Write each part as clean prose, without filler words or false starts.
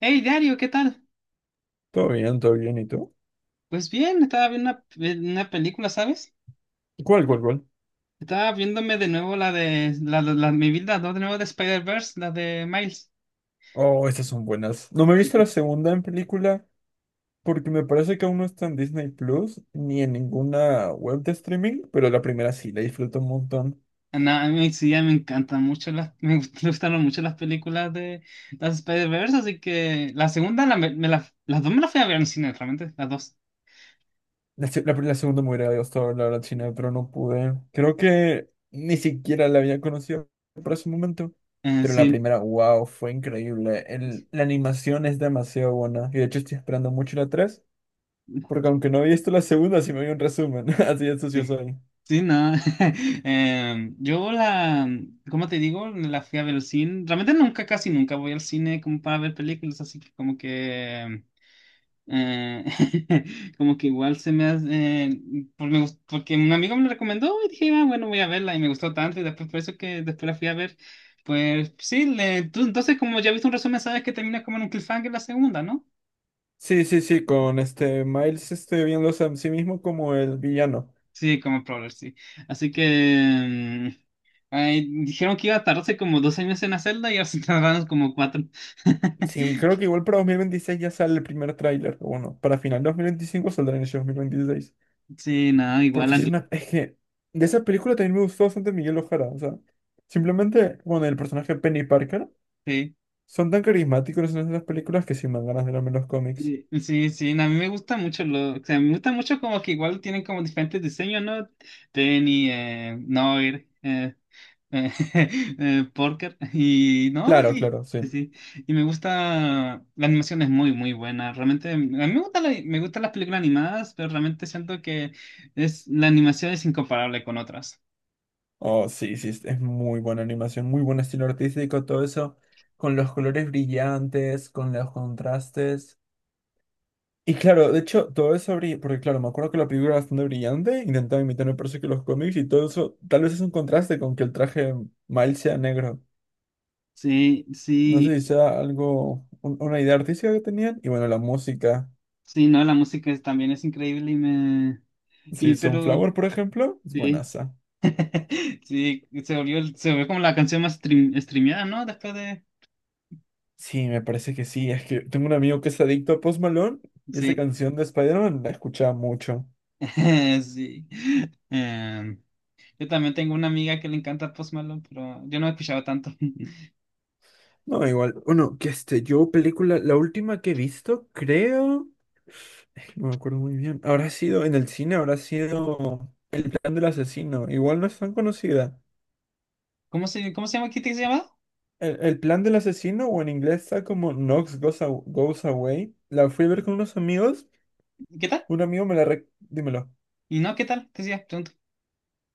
Hey, Dario, ¿qué tal? Todo bien, ¿y tú? Pues bien, estaba viendo una película, ¿sabes? ¿Cuál, cuál, cuál? Estaba viéndome de nuevo la de la, la, la- mi vida, ¿no? De nuevo de Spider-Verse, la de Miles. Oh, estas son buenas. No me he visto la segunda en película porque me parece que aún no está en Disney Plus ni en ninguna web de streaming, pero la primera sí, la disfruto un montón. Ah, no, a mí sí, ya me encantan mucho las, me gustaron mucho las películas de las Spider-Verse, así que la segunda, la, me la- las dos me las fui a ver en el cine, realmente, las dos. La segunda me hubiera gustado la verdad, China, pero no pude. Creo que ni siquiera la había conocido para ese momento. Pero la Sí, primera, wow, fue increíble. La animación es demasiado buena. Y de hecho estoy esperando mucho la 3 porque aunque no había visto la segunda, sí me vi un resumen. Así de sucio sí. soy. Sí, no. Yo la, ¿cómo te digo? La fui a ver al cine. Realmente nunca, casi nunca voy al cine como para ver películas, así que como que, eh, como que igual se me hace, eh, porque un amigo me lo recomendó y dije, ah, bueno, voy a verla y me gustó tanto y después por eso que después la fui a ver. Pues sí, entonces como ya viste un resumen, sabes que termina como en un cliffhanger la segunda, ¿no? Sí, sí, sí, con este Miles este, viéndose a sí mismo como el villano. Sí, como Prowler, sí. Así que mm, ay, dijeron que iba a tardarse como dos años en la celda y ahora se tardaron como cuatro. Sí, creo que igual para 2026 ya sale el primer tráiler. O bueno, para final de 2025 saldrá en ese 2026. Sí, no, igual Porque a sí es mí, una... Es que de esa película también me gustó bastante Miguel Ojara. O sea, simplemente, bueno, el personaje Penny Parker sí, son tan carismáticos en esas películas que sí me dan ganas de verme los cómics. sí, sí, sí, no, a mí me gusta mucho lo, o sea, me gusta mucho como que igual tienen como diferentes diseños, ¿no? Tenny, Noir, póker y no, Claro, y claro, sí, sí. sí. Y me gusta, la animación es muy, muy buena. Realmente, a mí me gustan las películas animadas, pero realmente siento que la animación es incomparable con otras. Oh, sí, sí, es muy buena animación, muy buen estilo artístico, todo eso. Con los colores brillantes, con los contrastes. Y claro, de hecho, todo eso brilla, porque claro, me acuerdo que la película era bastante brillante, intentaba imitar me parece que los cómics y todo eso, tal vez es un contraste con que el traje Miles sea negro. Sí, No sí, sé si sea algo, una idea artística que tenían, y bueno, la música, sí, no, también es increíble y me... si Y pero, Sunflower, por ejemplo, es sí, buenaza. sí, se volvió, se volvió como la canción más streameada, ¿no? Después de... Sí, me parece que sí, es que tengo un amigo que es adicto a Post Malone, y esa Sí, canción de Spider-Man la escuchaba mucho. sí. Em, yo también tengo una amiga que le encanta Post Malone, pero yo no he escuchado tanto. No, igual, bueno, que este, yo película, la última que he visto, creo, no me acuerdo muy bien, habrá sido en el cine, habrá sido... plan del asesino, igual no es tan conocida. Cómo se llama? ¿Qué te llama? El plan del asesino, o en inglés está como Knox Goes, Goes Away. La fui a ver con unos amigos. ¿Qué tal? Un amigo me la Dímelo. Y no, ¿qué tal? Te decía, pregunto.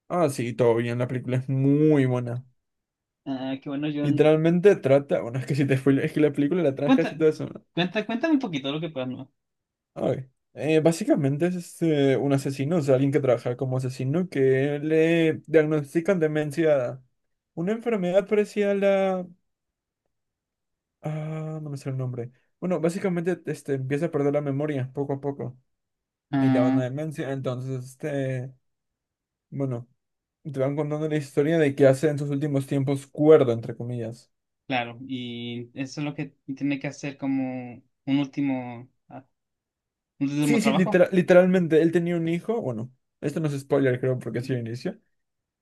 Ah, sí, todo bien, la película es muy buena. Ah, qué bueno, John. Literalmente trata... Bueno, es que si te spoileo, es que la película la trata y Cuenta, todo eso, ¿no? cuenta, cuéntame un poquito lo que puedas, ¿no? Ay. Básicamente es este, un asesino, o sea, alguien que trabaja como asesino que le diagnostican demencia, una enfermedad parecida a la... Ah, no me sé el nombre. Bueno, básicamente este, empieza a perder la memoria poco a poco. Y le da una Ah, demencia. Entonces, este, bueno, te van contando la historia de que hace en sus últimos tiempos cuerdo, entre comillas. claro, y eso es lo que tiene que hacer como un último, ah, un último Sí, sí, trabajo. literalmente, él tenía un hijo. Bueno, esto no es spoiler, creo, porque así inicio.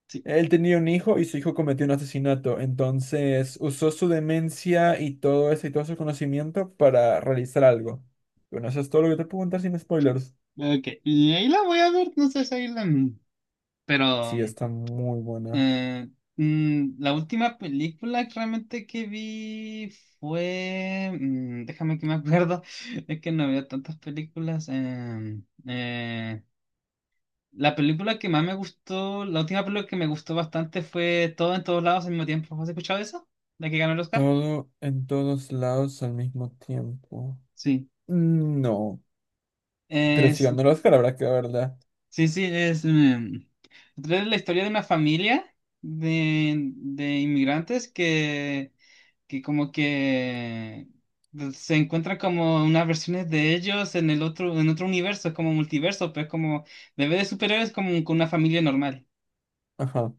Sí, Él tenía un hijo y su hijo cometió un asesinato. Entonces, usó su demencia y todo eso y todo su conocimiento para realizar algo. Bueno, eso es todo lo que te puedo contar sin spoilers. ok. Y ahí la voy a ver, no sé si ahí la... Pero Sí, está muy buena. Eh, la última película que realmente que vi fue, déjame que me acuerdo, es que no veo tantas películas. La película que más me gustó, la última película que me gustó bastante fue Todo en todos lados al mismo tiempo. ¿Has escuchado eso? La que ganó el Oscar. Todo en todos lados al mismo tiempo. Sí. Mm, no, pero si Es, ganó el Oscar habrá que verla. sí, sí, es la historia de una familia de inmigrantes que como que pues, se encuentra como unas versiones de ellos en otro universo, es como multiverso, pues como bebé de superhéroes como con una familia normal. Ajá.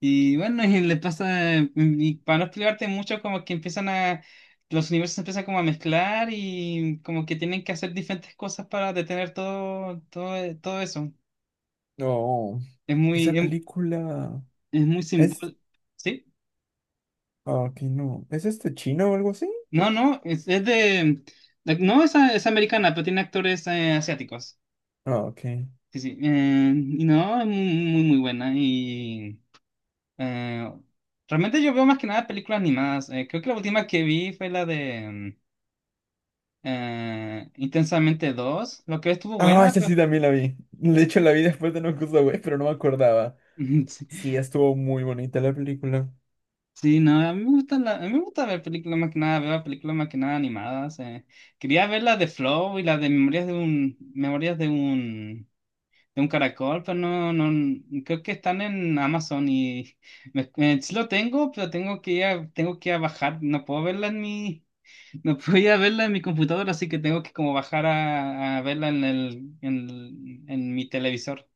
Y bueno, y le pasa, y para no explicarte mucho, como que empiezan a, los universos empiezan como a mezclar y como que tienen que hacer diferentes cosas para detener todo, todo, todo eso. No, Es esa muy, es, película es muy es... simbólico. ¿Sí? Ah, ok, no. ¿Es este chino o algo así? No, no, es de, no, es americana, pero tiene actores asiáticos. Ah, ok. Sí, sí. Y no, es muy, muy buena. Y eh, realmente yo veo más que nada películas animadas. Creo que la última que vi fue la de Intensamente dos lo que estuvo Ah, buena, esa sí pero... también la vi. De hecho, la vi después de No Way, pero no me acordaba. Sí, Sí, estuvo muy bonita la película. sí, no, a mí me gusta ver películas más que nada, veo películas más que nada animadas. Quería ver la de Flow y la de Memorias de un caracol, pero no, no, creo que están en Amazon y sí lo tengo, pero tengo que ir a bajar, no puedo no puedo ir a verla en mi computadora, así que tengo que como bajar a verla en en mi televisor.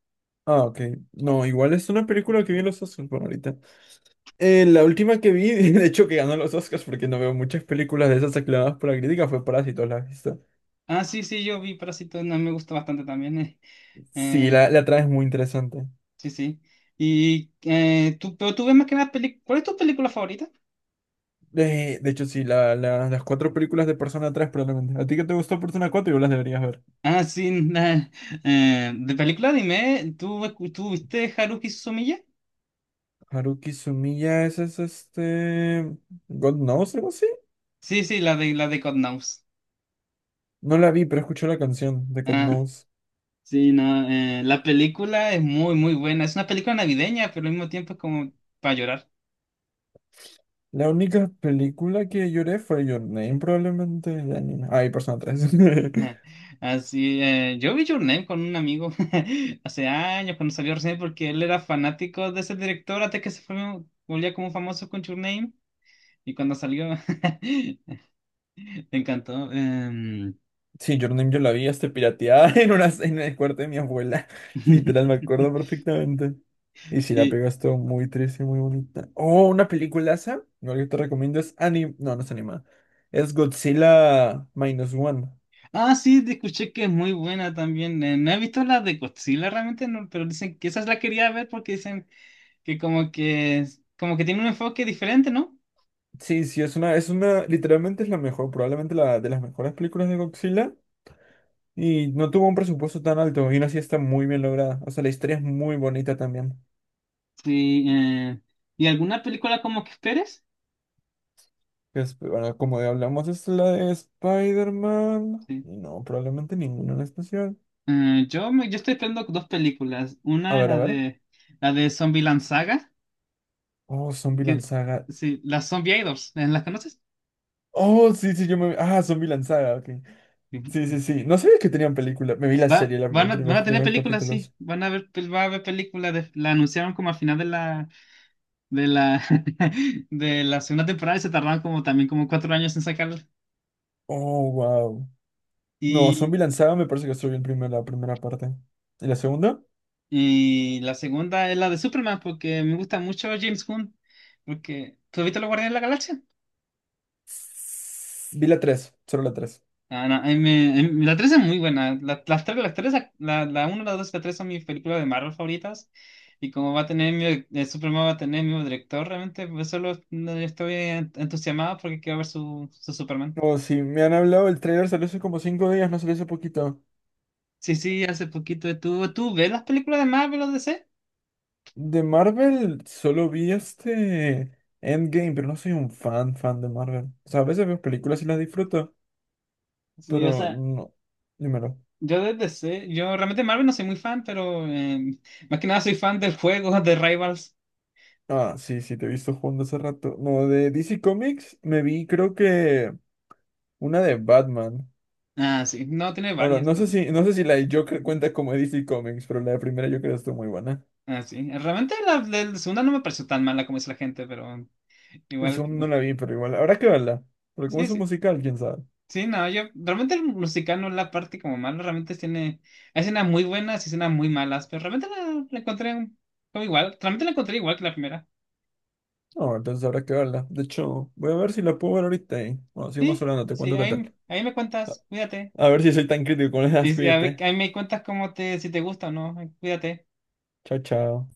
Ah, ok. No, igual es una película que vi en los Oscars por ahorita. La última que vi, de hecho que ganó los Oscars porque no veo muchas películas de esas aclamadas por la crítica, fue Parásitos, ¿la has visto? Ah, sí, sí, yo vi Parásitos, no, me gusta bastante también, Sí, eh, la trama es muy interesante. sí, sí. Pero tú ves más que nada películas, ¿cuál es tu película favorita? De hecho, sí, las cuatro películas de Persona 3 probablemente. ¿A ti que te gustó Persona 4? Yo las deberías ver. Ah, sí, de película dime, tú viste Haruhi Suzumiya? Haruki Sumiya, ese es este... God Knows, algo así. Sí, sí, la de God Knows. No la vi, pero escuché la canción de God Ah, Knows. sí, no, la película es muy, muy buena. Es una película navideña, pero al mismo tiempo es como para llorar. La única película que lloré fue Your Name, probablemente. De anime. Ah, y Persona 3. Así, yo vi Your Name con un amigo hace años cuando salió recién, porque él era fanático de ese director hasta que se fue, volvía como famoso con Your Name. Y cuando salió, me encantó. Sí, Your Name yo la vi hasta pirateada en una, en el cuarto de mi abuela. Literal, me acuerdo perfectamente. Y si la Sí, pega estuvo muy triste, muy bonita. Oh, una peliculaza. Igual que te recomiendo es anim... No, no es animada. Es Godzilla Minus One. ah, sí, te escuché que es muy buena también. No he visto la de Godzilla realmente, no, pero dicen que esa la quería ver porque dicen que como que como que tiene un enfoque diferente, ¿no? Sí, sí, es una, literalmente es la mejor, probablemente la de las mejores películas de Godzilla. Y no tuvo un presupuesto tan alto, y aún así está muy bien lograda. O sea, la historia es muy bonita también. Sí. ¿Y alguna película como que esperes? Es- Bueno, como de hablamos, es la de Spider-Man. Sí. Y no, probablemente ninguna en especial. Yo estoy esperando dos películas. A Una es ver, a ver. La de Zombieland Saga, Oh, Zombieland que Saga. sí, las Zombie Idols, ¿eh, ¿las conoces? Oh, sí, sí, yo me... Ah, Zombieland Saga, ok. Sí. Sí, sí, sí. No sabía que tenían película. Me vi la serie, Van a, van a tener primeros películas, sí. capítulos. Van a ver, pel- va a haber películas. La anunciaron como al final de la de la, de la segunda temporada y se tardaron como también como cuatro años en sacarla. Oh, wow. No, Y, Zombieland Saga me parece que solo vi la primera parte. ¿Y la segunda? y la segunda es la de Superman, porque me gusta mucho James Gunn, porque ¿tú viste Los Guardianes de la Galaxia? Vi la tres, solo la tres. Ah, no, a mí me- a mí- la 3 es muy buena. Las tres, la uno la 2 y la 3 son mis películas de Marvel favoritas. Y como va a tener Superman va a tener mi director, realmente pues solo no, entusiasmado porque quiero ver su Superman. Oh, sí, me han hablado, el trailer salió hace como 5 días, no salió hace poquito. Sí, sí, hace poquito estuvo. ¿Tú ves las películas de Marvel o DC? De Marvel solo vi este Endgame, pero no soy un fan, fan de Marvel. O sea, a veces veo películas y las disfruto, Sí, o pero sea, no. Dímelo. yo desde DC, yo realmente Marvel no soy muy fan, pero más que nada soy fan del juego de Rivals. Ah, sí, sí, te he visto jugando hace rato. No, de DC Comics me vi creo que una de Batman. Ah, sí, no, tiene Ahora, varias. no sé Pero, si, no sé si la de Joker cuenta como de DC Comics, pero la de primera Joker estuvo muy buena. ah, sí, realmente la del segunda no me pareció tan mala como dice la gente, pero El igual, segundo no la vi, pero igual, habrá que verla. Porque como sí, es un sí, musical, quién sabe. sí, no, yo realmente el musical no es la parte como mala, realmente tiene hay escenas muy buenas y escenas muy malas, pero realmente la encontré como igual, realmente la encontré igual que la primera. No, entonces habrá que verla. De hecho, voy a ver si la puedo ver ahorita. Y bueno, sigamos Sí, hablando, te sí, cuento qué ahí, tal. ahí me cuentas, cuídate. A ver si soy tan crítico con las Y ideas, sí, a ver, cuídate. ahí me cuentas cómo te, si te gusta o no, cuídate. Chao, chao.